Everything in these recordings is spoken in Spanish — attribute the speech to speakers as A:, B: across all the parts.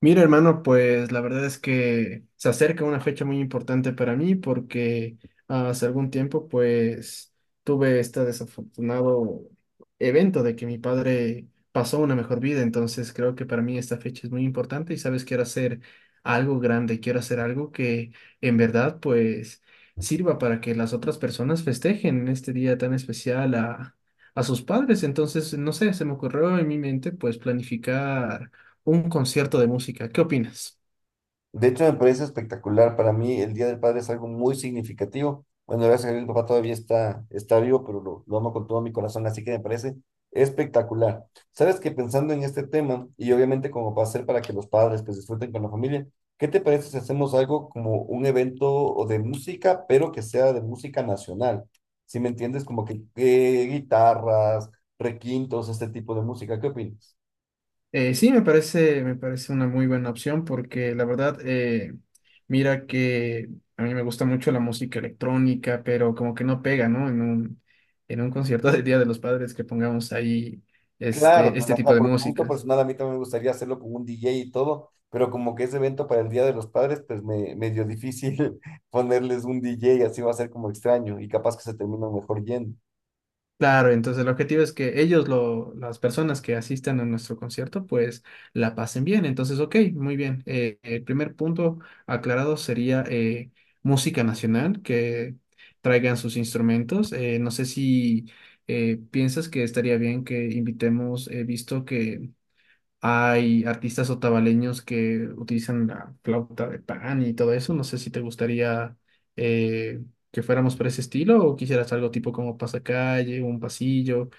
A: Mira, hermano, pues la verdad es que se acerca una fecha muy importante para mí porque hace algún tiempo pues tuve este desafortunado evento de que mi padre pasó una mejor vida, entonces creo que para mí esta fecha es muy importante y sabes, quiero hacer algo grande, quiero hacer algo que en verdad pues sirva para que las otras personas festejen en este día tan especial a sus padres. Entonces no sé, se me ocurrió en mi mente pues planificar un concierto de música. ¿Qué opinas?
B: De hecho, me parece espectacular. Para mí, el Día del Padre es algo muy significativo. Bueno, gracias a Dios, mi papá todavía está vivo, pero lo amo con todo mi corazón, así que me parece espectacular. Sabes que pensando en este tema, y obviamente como para hacer para que los padres pues disfruten con la familia, ¿qué te parece si hacemos algo como un evento de música, pero que sea de música nacional? Si me entiendes, como que guitarras, requintos, este tipo de música, ¿qué opinas?
A: Sí, me parece una muy buena opción porque la verdad, mira que a mí me gusta mucho la música electrónica, pero como que no pega, ¿no? En un concierto del Día de los Padres que pongamos ahí
B: Claro, pues,
A: este
B: o sea,
A: tipo de
B: por gusto
A: músicas.
B: personal a mí también me gustaría hacerlo con un DJ y todo, pero como que ese evento para el Día de los Padres, pues me dio difícil ponerles un DJ, así va a ser como extraño y capaz que se termina mejor yendo.
A: Claro, entonces el objetivo es que las personas que asistan a nuestro concierto, pues la pasen bien. Entonces, ok, muy bien. El primer punto aclarado sería música nacional, que traigan sus instrumentos. No sé si piensas que estaría bien que invitemos. He visto que hay artistas otavaleños que utilizan la flauta de pan y todo eso. No sé si te gustaría eh, que fuéramos por ese estilo o quisieras algo tipo como pasacalle, un pasillo.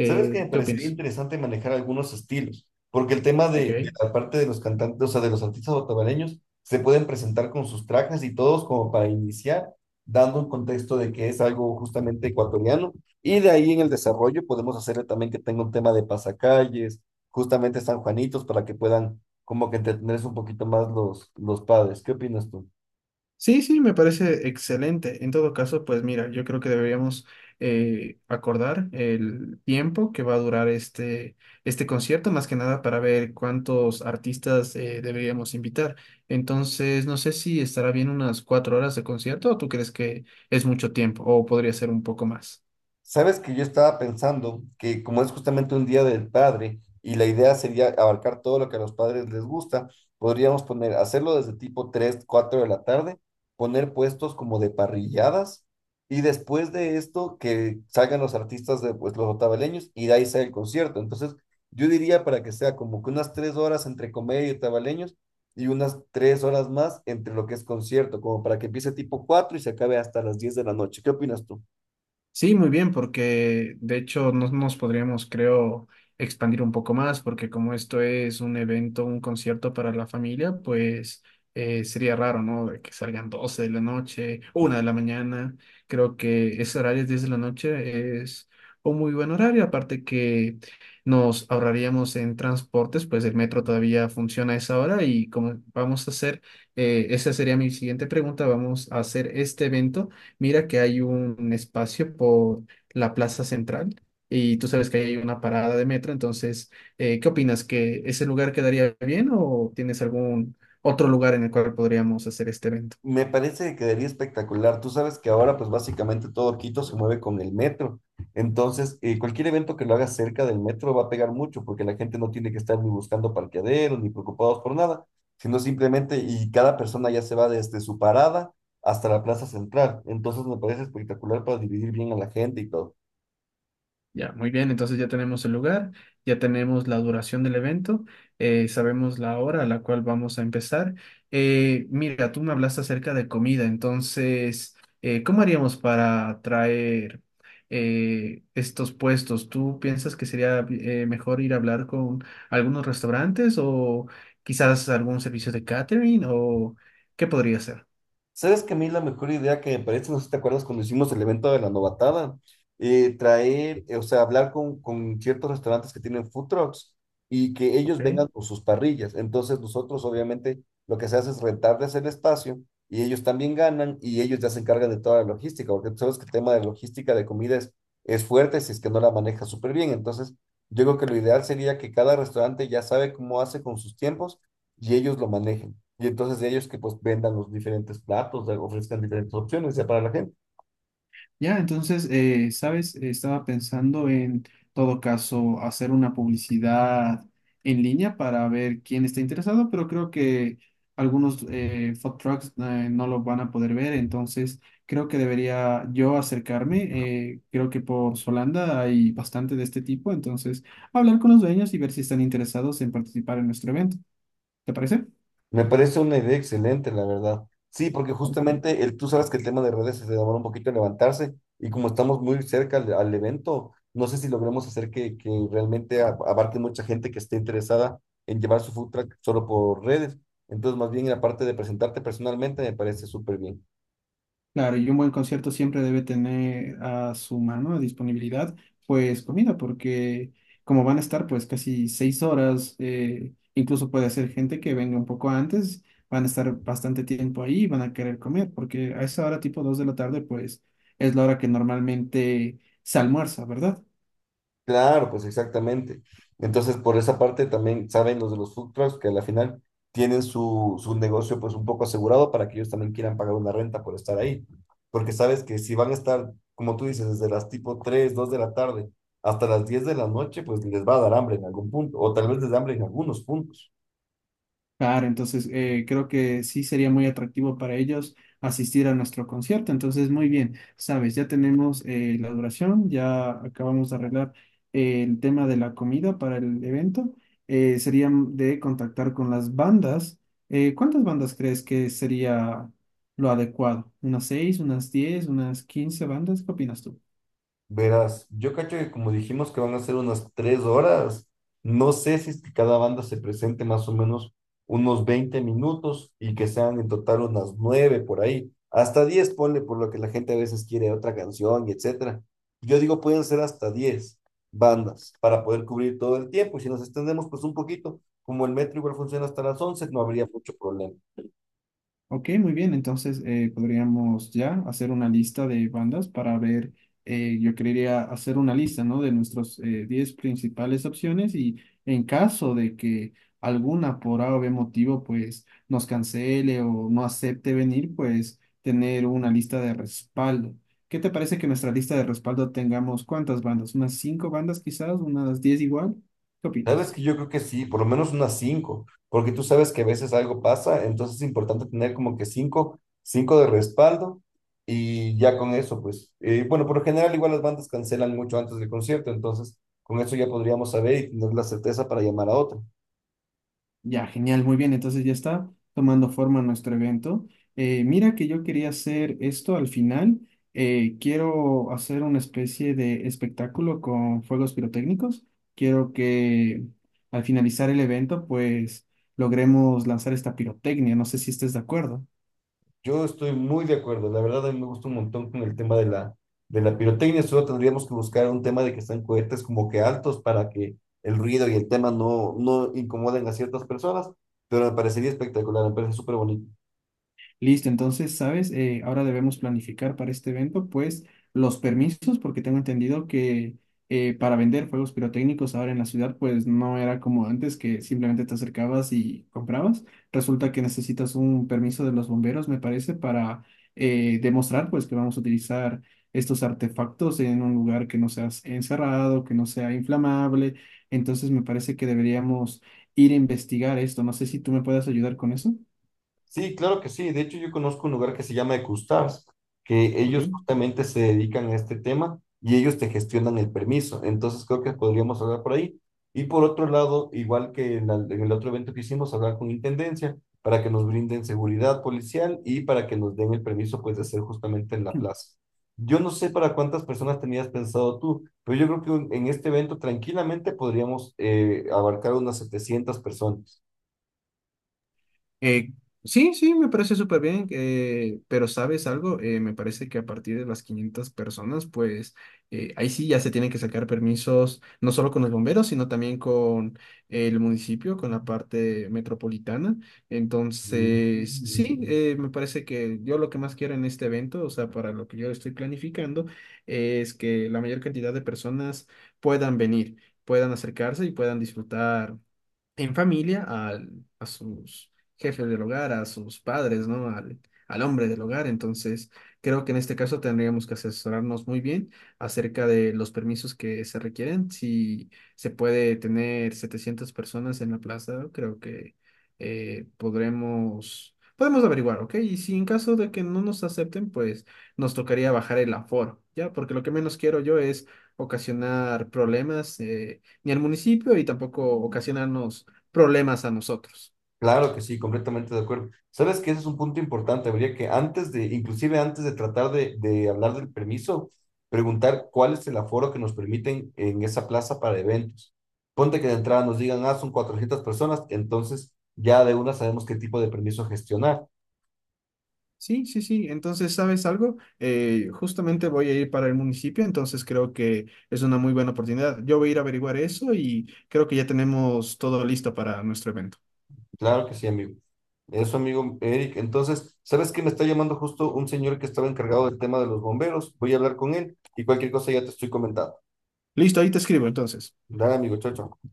B: Sabes que me
A: ¿qué
B: parecería
A: opinas?
B: interesante manejar algunos estilos, porque el tema de
A: Ok.
B: la parte de los cantantes, o sea, de los artistas otavareños, se pueden presentar con sus trajes y todos como para iniciar, dando un contexto de que es algo justamente ecuatoriano, y de ahí en el desarrollo podemos hacerle también que tenga un tema de pasacalles, justamente San Juanitos, para que puedan como que entretenerse un poquito más los padres. ¿Qué opinas tú?
A: Sí, sí, me parece excelente. En todo caso, pues mira, yo creo que deberíamos acordar el tiempo que va a durar este concierto, más que nada para ver cuántos artistas deberíamos invitar. Entonces, no sé si estará bien unas 4 horas de concierto o tú crees que es mucho tiempo o podría ser un poco más.
B: Sabes que yo estaba pensando que como es justamente un día del padre y la idea sería abarcar todo lo que a los padres les gusta, podríamos poner, hacerlo desde tipo 3 4 de la tarde, poner puestos como de parrilladas y después de esto que salgan los artistas de pues, los otavaleños y de ahí sale el concierto. Entonces yo diría para que sea como que unas 3 horas entre comedia y otavaleños y unas 3 horas más entre lo que es concierto, como para que empiece tipo 4 y se acabe hasta las 10 de la noche. ¿Qué opinas tú?
A: Sí, muy bien, porque de hecho nos podríamos, creo, expandir un poco más, porque como esto es un evento, un concierto para la familia, pues sería raro, ¿no? De que salgan 12 de la noche, una de la mañana. Creo que ese horario 10 de la noche es un muy buen horario, aparte que nos ahorraríamos en transportes, pues el metro todavía funciona a esa hora. Y como vamos a hacer, esa sería mi siguiente pregunta, vamos a hacer este evento, mira que hay un espacio por la plaza central y tú sabes que ahí hay una parada de metro. Entonces, ¿qué opinas? ¿Que ese lugar quedaría bien o tienes algún otro lugar en el cual podríamos hacer este evento?
B: Me parece que quedaría espectacular. Tú sabes que ahora pues básicamente todo Quito se mueve con el metro. Entonces, cualquier evento que lo hagas cerca del metro va a pegar mucho porque la gente no tiene que estar ni buscando parqueaderos ni preocupados por nada, sino simplemente y cada persona ya se va desde su parada hasta la plaza central. Entonces, me parece espectacular para dividir bien a la gente y todo.
A: Ya, muy bien, entonces ya tenemos el lugar, ya tenemos la duración del evento, sabemos la hora a la cual vamos a empezar. Mira, tú me hablaste acerca de comida. Entonces, ¿cómo haríamos para traer estos puestos? ¿Tú piensas que sería mejor ir a hablar con algunos restaurantes o quizás algún servicio de catering o qué podría ser?
B: ¿Sabes que a mí la mejor idea que me parece, no sé si te acuerdas cuando hicimos el evento de la novatada, traer, o sea, hablar con ciertos restaurantes que tienen food trucks y que ellos
A: Ok.
B: vengan con sus parrillas? Entonces nosotros obviamente lo que se hace es rentarles el espacio y ellos también ganan y ellos ya se encargan de toda la logística, porque tú sabes que el tema de logística de comida es fuerte si es que no la maneja súper bien. Entonces yo creo que lo ideal sería que cada restaurante ya sabe cómo hace con sus tiempos y ellos lo manejen. Y entonces ellos que pues vendan los diferentes platos, ofrezcan diferentes opciones ya para la gente.
A: Ya, entonces, ¿sabes? Estaba pensando en todo caso hacer una publicidad en línea para ver quién está interesado, pero creo que algunos food trucks no lo van a poder ver. Entonces creo que debería yo acercarme. Creo que por Solanda hay bastante de este tipo, entonces hablar con los dueños y ver si están interesados en participar en nuestro evento. ¿Te parece?
B: Me parece una idea excelente, la verdad. Sí, porque justamente el, tú sabes que el tema de redes se demora un poquito en levantarse y como estamos muy cerca al evento, no sé si logremos hacer que realmente abarque mucha gente que esté interesada en llevar su food truck solo por redes. Entonces, más bien la parte de presentarte personalmente me parece súper bien.
A: Claro, y un buen concierto siempre debe tener a su mano, a disponibilidad, pues comida, porque como van a estar pues casi 6 horas, incluso puede ser gente que venga un poco antes, van a estar bastante tiempo ahí y van a querer comer, porque a esa hora tipo 2 de la tarde pues es la hora que normalmente se almuerza, ¿verdad?
B: Claro, pues exactamente. Entonces, por esa parte también saben los de los food trucks que a la final tienen su negocio pues un poco asegurado para que ellos también quieran pagar una renta por estar ahí. Porque sabes que si van a estar, como tú dices, desde las tipo 3 2 de la tarde hasta las 10 de la noche, pues les va a dar hambre en algún punto, o tal vez les da hambre en algunos puntos.
A: Claro, entonces creo que sí sería muy atractivo para ellos asistir a nuestro concierto. Entonces, muy bien, sabes, ya tenemos la duración, ya acabamos de arreglar el tema de la comida para el evento. Sería de contactar con las bandas. ¿cuántas bandas crees que sería lo adecuado? ¿Unas 6, unas 10, unas 15 bandas? ¿Qué opinas tú?
B: Verás, yo cacho que como dijimos que van a ser unas 3 horas, no sé si es que cada banda se presente más o menos unos 20 minutos y que sean en total unas nueve por ahí, hasta 10 ponle por lo que la gente a veces quiere otra canción y etcétera. Yo digo pueden ser hasta 10 bandas para poder cubrir todo el tiempo y si nos extendemos pues un poquito, como el metro igual funciona hasta las 11 no habría mucho problema.
A: Ok, muy bien. Entonces podríamos ya hacer una lista de bandas para ver. Yo quería hacer una lista, ¿no? De nuestros 10 principales opciones y en caso de que alguna por A o B motivo pues nos cancele o no acepte venir, pues tener una lista de respaldo. ¿Qué te parece que nuestra lista de respaldo tengamos cuántas bandas? ¿Unas 5 bandas quizás? ¿Unas 10 igual? ¿Qué
B: Sabes
A: opinas?
B: que yo creo que sí, por lo menos unas cinco, porque tú sabes que a veces algo pasa, entonces es importante tener como que cinco de respaldo y ya con eso, pues, bueno, por lo general igual las bandas cancelan mucho antes del concierto, entonces con eso ya podríamos saber y tener la certeza para llamar a otra.
A: Ya, genial, muy bien. Entonces ya está tomando forma nuestro evento. Mira que yo quería hacer esto al final. Quiero hacer una especie de espectáculo con fuegos pirotécnicos. Quiero que al finalizar el evento, pues logremos lanzar esta pirotecnia. No sé si estés de acuerdo.
B: Yo estoy muy de acuerdo, la verdad a mí me gusta un montón con el tema de de la pirotecnia, solo tendríamos que buscar un tema de que están cohetes como que altos para que el ruido y el tema no incomoden a ciertas personas, pero me parecería espectacular, me parece súper bonito.
A: Listo, entonces, ¿sabes? Ahora debemos planificar para este evento, pues, los permisos, porque tengo entendido que para vender fuegos pirotécnicos ahora en la ciudad, pues no era como antes, que simplemente te acercabas y comprabas. Resulta que necesitas un permiso de los bomberos, me parece, para demostrar, pues, que vamos a utilizar estos artefactos en un lugar que no sea encerrado, que no sea inflamable. Entonces, me parece que deberíamos ir a investigar esto. No sé si tú me puedes ayudar con eso.
B: Sí, claro que sí. De hecho, yo conozco un lugar que se llama Ecustars, que ellos
A: Ok.
B: justamente se dedican a este tema y ellos te gestionan el permiso. Entonces, creo que podríamos hablar por ahí. Y por otro lado, igual que en el otro evento que hicimos, hablar con Intendencia para que nos brinden seguridad policial y para que nos den el permiso, pues, de hacer justamente en la plaza. Yo no sé para cuántas personas tenías pensado tú, pero yo creo que en este evento tranquilamente podríamos abarcar unas 700 personas.
A: Eh, sí, sí, me parece súper bien, pero ¿sabes algo? Me parece que a partir de las 500 personas, pues ahí sí ya se tienen que sacar permisos, no solo con los bomberos, sino también con el municipio, con la parte metropolitana. Entonces, sí,
B: Mm.
A: me parece que yo lo que más quiero en este evento, o sea, para lo que yo estoy planificando, es que la mayor cantidad de personas puedan venir, puedan acercarse y puedan disfrutar en familia al- a sus jefes del hogar, a sus padres, ¿no? Al, al hombre del hogar. Entonces, creo que en este caso tendríamos que asesorarnos muy bien acerca de los permisos que se requieren. Si se puede tener 700 personas en la plaza, creo que podremos... Podemos averiguar, ¿ok? Y si en caso de que no nos acepten, pues nos tocaría bajar el aforo, ¿ya? Porque lo que menos quiero yo es ocasionar problemas ni al municipio y tampoco ocasionarnos problemas a nosotros.
B: Claro que sí, completamente de acuerdo. Sabes que ese es un punto importante. Habría que antes inclusive antes de tratar de hablar del permiso, preguntar cuál es el aforo que nos permiten en esa plaza para eventos. Ponte que de entrada nos digan, ah, son 400 personas, entonces ya de una sabemos qué tipo de permiso gestionar.
A: Sí, sí, sí. Entonces, ¿sabes algo? Justamente voy a ir para el municipio, entonces creo que es una muy buena oportunidad. Yo voy a ir a averiguar eso y creo que ya tenemos todo listo para nuestro evento.
B: Claro que sí, amigo. Eso, amigo Eric. Entonces, ¿sabes que me está llamando justo un señor que estaba encargado del tema de los bomberos? Voy a hablar con él y cualquier cosa ya te estoy comentando.
A: Listo, ahí te escribo entonces.
B: Dale, amigo, chao, chao.